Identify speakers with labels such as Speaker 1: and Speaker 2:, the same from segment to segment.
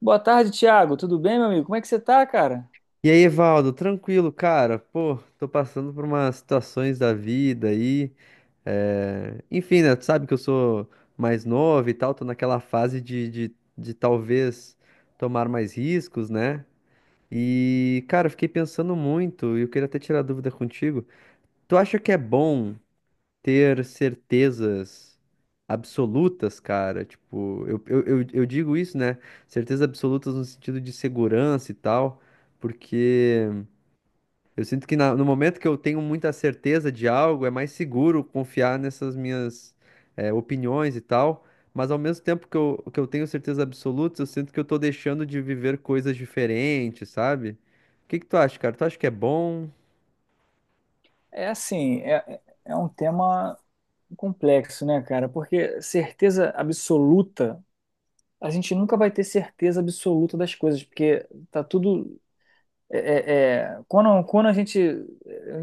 Speaker 1: Boa tarde, Thiago. Tudo bem, meu amigo? Como é que você tá, cara?
Speaker 2: E aí, Evaldo, tranquilo, cara? Pô, tô passando por umas situações da vida aí. Enfim, né? Tu sabe que eu sou mais novo e tal, tô naquela fase de talvez tomar mais riscos, né? E, cara, eu fiquei pensando muito e eu queria até tirar dúvida contigo. Tu acha que é bom ter certezas absolutas, cara? Tipo, eu digo isso, né? Certezas absolutas no sentido de segurança e tal, porque. eu sinto que no momento que eu tenho muita certeza de algo, é mais seguro confiar nessas minhas opiniões e tal. Mas ao mesmo tempo que eu tenho certeza absoluta, eu sinto que eu tô deixando de viver coisas diferentes, sabe? O que que tu acha, cara? Tu acha que é bom?
Speaker 1: É assim, é um tema complexo, né, cara? Porque certeza absoluta, a gente nunca vai ter certeza absoluta das coisas, porque tá tudo. Quando, quando a gente.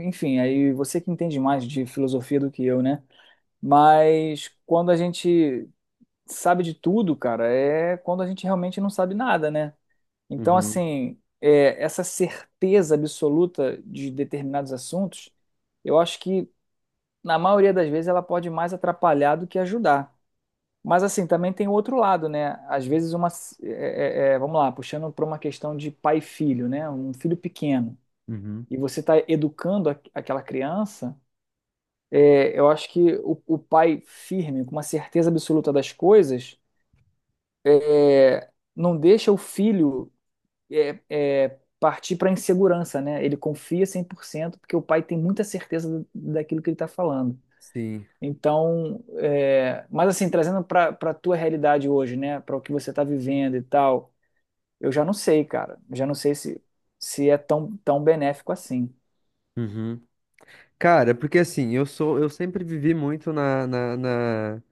Speaker 1: Enfim, aí você que entende mais de filosofia do que eu, né? Mas quando a gente sabe de tudo, cara, é quando a gente realmente não sabe nada, né? Então,
Speaker 2: Uhum,
Speaker 1: assim, é, essa certeza absoluta de determinados assuntos, eu acho que, na maioria das vezes, ela pode mais atrapalhar do que ajudar. Mas, assim, também tem o outro lado, né? Às vezes, uma, vamos lá, puxando para uma questão de pai e filho, né? Um filho pequeno.
Speaker 2: uhum.
Speaker 1: E você está educando aquela criança, é, eu acho que o pai firme, com uma certeza absoluta das coisas, é, não deixa o filho partir para a insegurança, né? Ele confia 100% porque o pai tem muita certeza daquilo que ele está falando.
Speaker 2: Sim.
Speaker 1: Então, é, mas assim, trazendo para a tua realidade hoje, né? Para o que você está vivendo e tal, eu já não sei, cara. Eu já não sei se, se é tão, tão benéfico assim.
Speaker 2: Uhum. Cara, porque assim, eu sou, eu sempre vivi muito na, na, na,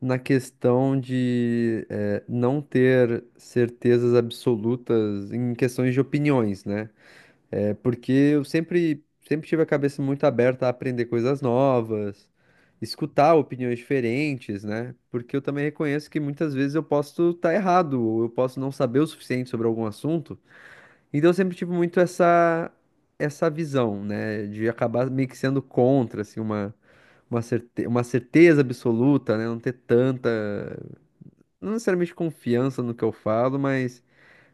Speaker 2: na questão de não ter certezas absolutas em questões de opiniões, né? É porque eu sempre tive a cabeça muito aberta a aprender coisas novas, escutar opiniões diferentes, né? Porque eu também reconheço que muitas vezes eu posso estar errado, ou eu posso não saber o suficiente sobre algum assunto. Então eu sempre tive muito essa visão, né? De acabar meio que sendo contra, assim, uma, uma certeza absoluta, né? Não ter tanta, não necessariamente confiança no que eu falo,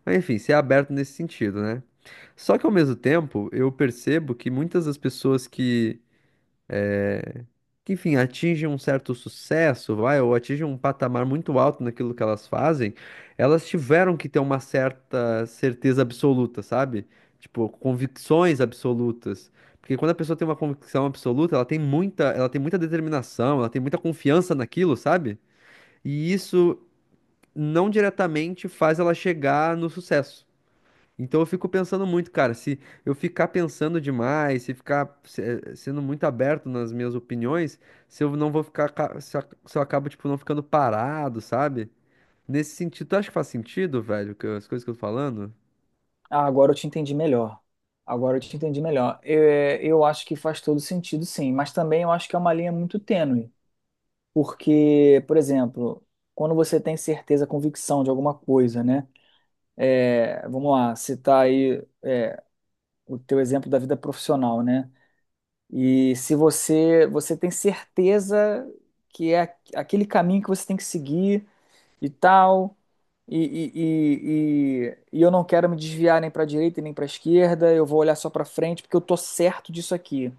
Speaker 2: mas enfim, ser aberto nesse sentido, né? Só que ao mesmo tempo, eu percebo que muitas das pessoas que, enfim, atingem um certo sucesso, vai, ou atingem um patamar muito alto naquilo que elas fazem, elas tiveram que ter uma certa certeza absoluta, sabe? Tipo, convicções absolutas. Porque quando a pessoa tem uma convicção absoluta, ela tem muita determinação, ela tem muita confiança naquilo, sabe? E isso não diretamente faz ela chegar no sucesso. Então eu fico pensando muito, cara, se eu ficar pensando demais, se ficar sendo muito aberto nas minhas opiniões, se eu não vou ficar, se eu acabo, tipo, não ficando parado, sabe? Nesse sentido, tu acha que faz sentido, velho, as coisas que eu tô falando?
Speaker 1: Ah, agora eu te entendi melhor. Agora eu te entendi melhor. Eu, é, eu acho que faz todo sentido, sim, mas também eu acho que é uma linha muito tênue. Porque, por exemplo, quando você tem certeza, convicção de alguma coisa, né? É, vamos lá, citar aí o teu exemplo da vida profissional, né? E se você tem certeza que é aquele caminho que você tem que seguir e tal, e, e eu não quero me desviar nem para a direita e nem para a esquerda, eu vou olhar só para frente porque eu tô certo disso aqui.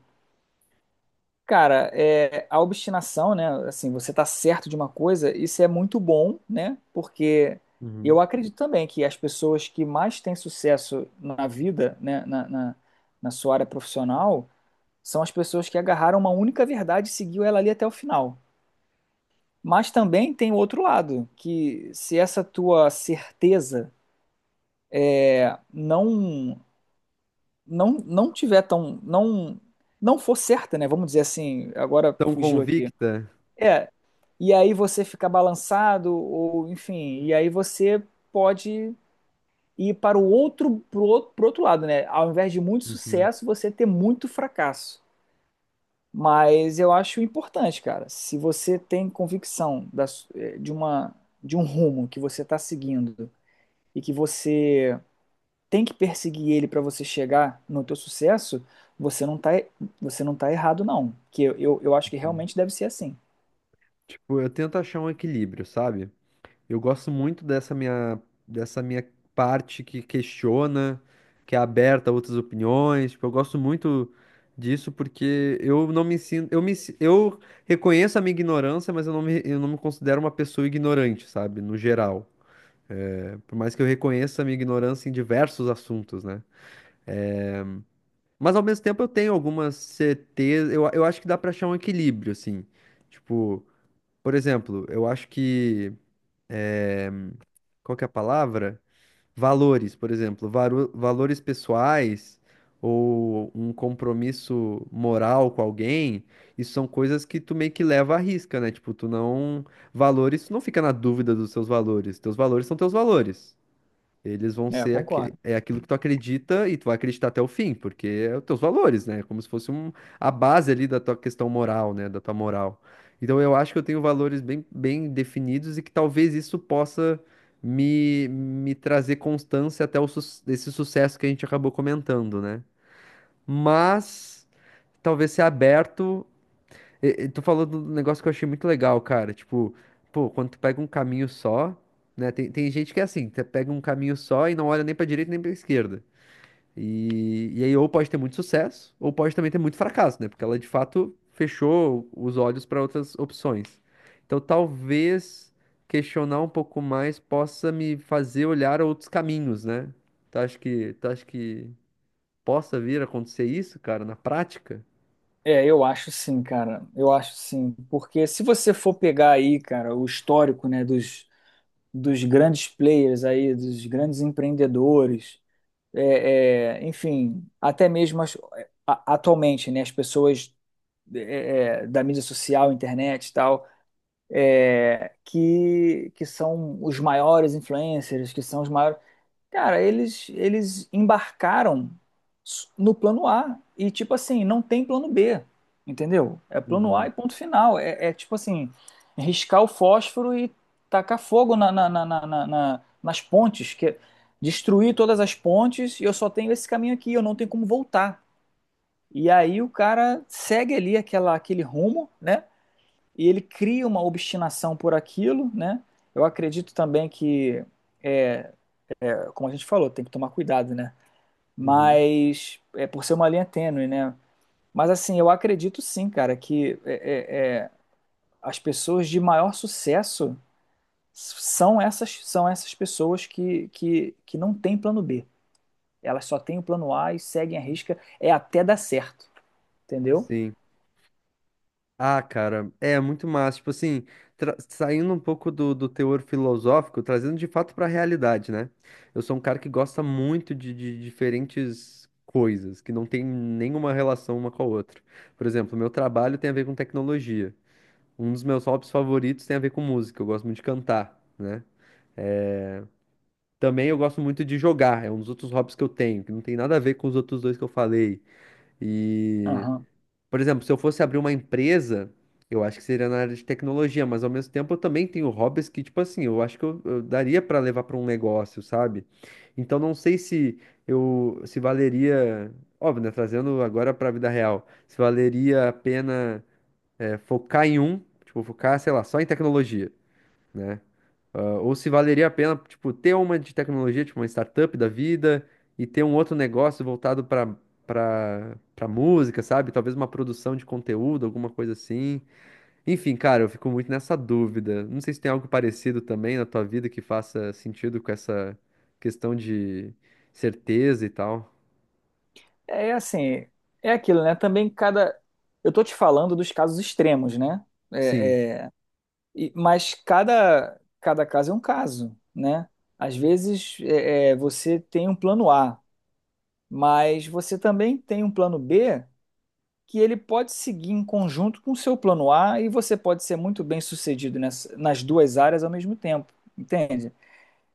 Speaker 1: Cara, é, a obstinação, né? Assim, você tá certo de uma coisa, isso é muito bom, né? Porque
Speaker 2: Uhum.
Speaker 1: eu acredito também que as pessoas que mais têm sucesso na vida, né? Na sua área profissional, são as pessoas que agarraram uma única verdade e seguiu ela ali até o final. Mas também tem o outro lado, que se essa tua certeza não não tiver tão, não for certa, né? Vamos dizer assim, agora
Speaker 2: Tão
Speaker 1: fugiu aqui.
Speaker 2: convicta?
Speaker 1: É, e aí você fica balançado, ou enfim, e aí você pode ir para o outro, pro outro lado, né? Ao invés de muito
Speaker 2: Uhum,
Speaker 1: sucesso, você ter muito fracasso. Mas eu acho importante, cara. Se você tem convicção da de uma, de um rumo que você está seguindo e que você tem que perseguir ele para você chegar no teu sucesso, você não tá, você não tá errado, não. Que eu acho que
Speaker 2: uhum.
Speaker 1: realmente deve ser assim.
Speaker 2: Tipo, eu tento achar um equilíbrio, sabe? Eu gosto muito dessa minha parte que questiona, que é aberta a outras opiniões. Tipo, eu gosto muito disso porque eu não me sinto, eu reconheço a minha ignorância, mas eu não me considero uma pessoa ignorante, sabe? No geral, né. Por mais que eu reconheça a minha ignorância em diversos assuntos, né? Mas ao mesmo tempo eu tenho algumas certezas, eu acho que dá pra achar um equilíbrio, assim. Tipo, por exemplo, eu acho que, qual que é a palavra? Valores, por exemplo, valores pessoais ou um compromisso moral com alguém, isso são coisas que tu meio que leva à risca, né? Tipo, tu não valores, tu não fica na dúvida dos seus valores. Teus valores são teus valores. Eles vão
Speaker 1: É, eu
Speaker 2: ser
Speaker 1: concordo.
Speaker 2: é aquilo que tu acredita e tu vai acreditar até o fim, porque é os teus valores, né? É como se fosse um, a base ali da tua questão moral, né? Da tua moral. Então eu acho que eu tenho valores bem, bem definidos e que talvez isso possa me trazer constância até esse sucesso que a gente acabou comentando, né? Mas talvez ser aberto e tu falou do negócio que eu achei muito legal, cara. Tipo, pô, quando tu pega um caminho só, né? Tem, tem gente que é assim, tu pega um caminho só e não olha nem pra direita nem pra esquerda. E aí, ou pode ter muito sucesso, ou pode também ter muito fracasso, né? Porque ela de fato fechou os olhos para outras opções. Então, talvez questionar um pouco mais possa me fazer olhar outros caminhos, né? Tu acha que possa vir a acontecer isso, cara, na prática?
Speaker 1: É, eu acho sim, cara. Eu acho sim. Porque se você for pegar aí, cara, o histórico, né, dos grandes players aí, dos grandes empreendedores, enfim, até mesmo atualmente, né, as pessoas é, é, da mídia social, internet e tal, é, que são os maiores influencers, que são os maiores. Cara, eles embarcaram no plano A e tipo assim, não tem plano B, entendeu? É plano A
Speaker 2: Uhum,
Speaker 1: e ponto final. Tipo assim, riscar o fósforo e tacar fogo nas pontes, que é destruir todas as pontes e eu só tenho esse caminho aqui, eu não tenho como voltar. E aí o cara segue ali aquela, aquele rumo, né? E ele cria uma obstinação por aquilo, né? Eu acredito também que, é, como a gente falou, tem que tomar cuidado, né?
Speaker 2: uhum.
Speaker 1: Mas é por ser uma linha tênue, né? Mas assim, eu acredito sim, cara, que as pessoas de maior sucesso são essas pessoas que não têm plano B. Elas só têm o plano A e seguem a risca, é até dar certo, entendeu?
Speaker 2: Sim. Ah, cara, é muito massa. Tipo assim, saindo um pouco do, do teor filosófico, trazendo de fato pra realidade, né? Eu sou um cara que gosta muito de diferentes coisas, que não tem nenhuma relação uma com a outra. Por exemplo, meu trabalho tem a ver com tecnologia. Um dos meus hobbies favoritos tem a ver com música. Eu gosto muito de cantar, né? Também eu gosto muito de jogar. É um dos outros hobbies que eu tenho, que não tem nada a ver com os outros dois que eu falei.
Speaker 1: Aham.
Speaker 2: Por exemplo, se eu fosse abrir uma empresa, eu acho que seria na área de tecnologia, mas ao mesmo tempo eu também tenho hobbies que, tipo assim, eu acho que eu daria para levar para um negócio, sabe? Então não sei se valeria, óbvio, né, trazendo agora para a vida real, se valeria a pena focar em um, tipo, focar, sei lá, só em tecnologia, né? Ah, ou se valeria a pena, tipo, ter uma de tecnologia, tipo uma startup da vida, e ter um outro negócio voltado para música, sabe? Talvez uma produção de conteúdo, alguma coisa assim. Enfim, cara, eu fico muito nessa dúvida. Não sei se tem algo parecido também na tua vida que faça sentido com essa questão de certeza e tal.
Speaker 1: É assim, é aquilo, né? Também cada. Eu tô te falando dos casos extremos, né?
Speaker 2: Sim.
Speaker 1: É, é, e- mas cada caso é um caso, né? Às vezes é, você tem um plano A, mas você também tem um plano B que ele pode seguir em conjunto com o seu plano A e você pode ser muito bem sucedido nas duas áreas ao mesmo tempo, entende?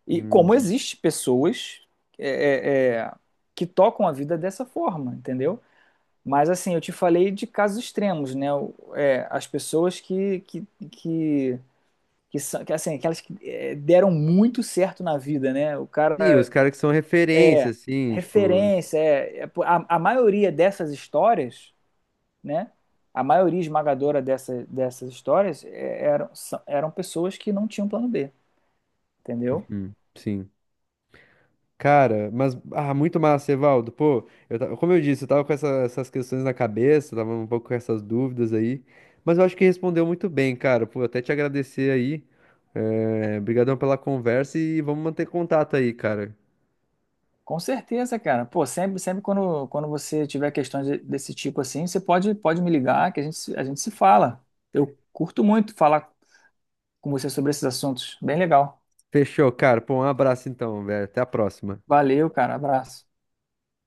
Speaker 1: E como
Speaker 2: Uhum.
Speaker 1: existe pessoas é, é, é, que tocam a vida dessa forma, entendeu? Mas assim, eu te falei de casos extremos, né? O- é, as pessoas que que são que, assim, aquelas que é, deram muito certo na vida, né? O
Speaker 2: Sim, os
Speaker 1: cara
Speaker 2: caras que são referência,
Speaker 1: é
Speaker 2: assim, tipo.
Speaker 1: referência, é, a maioria dessas histórias, né? A maioria esmagadora dessas histórias é, eram pessoas que não tinham plano B, entendeu?
Speaker 2: Uhum, sim. Cara, mas ah, muito massa, Evaldo. Pô, como eu disse, eu tava com essas questões na cabeça, tava um pouco com essas dúvidas aí, mas eu acho que respondeu muito bem, cara. Pô, até te agradecer aí. É, brigadão pela conversa e vamos manter contato aí, cara.
Speaker 1: Com certeza, cara. Pô, sempre, sempre quando, quando você tiver questões desse tipo assim, você pode, pode me ligar que a gente, a gente se fala. Eu curto muito falar com você sobre esses assuntos. Bem legal.
Speaker 2: Fechou, cara. Pô, um abraço então, velho. Até a próxima.
Speaker 1: Valeu, cara. Abraço.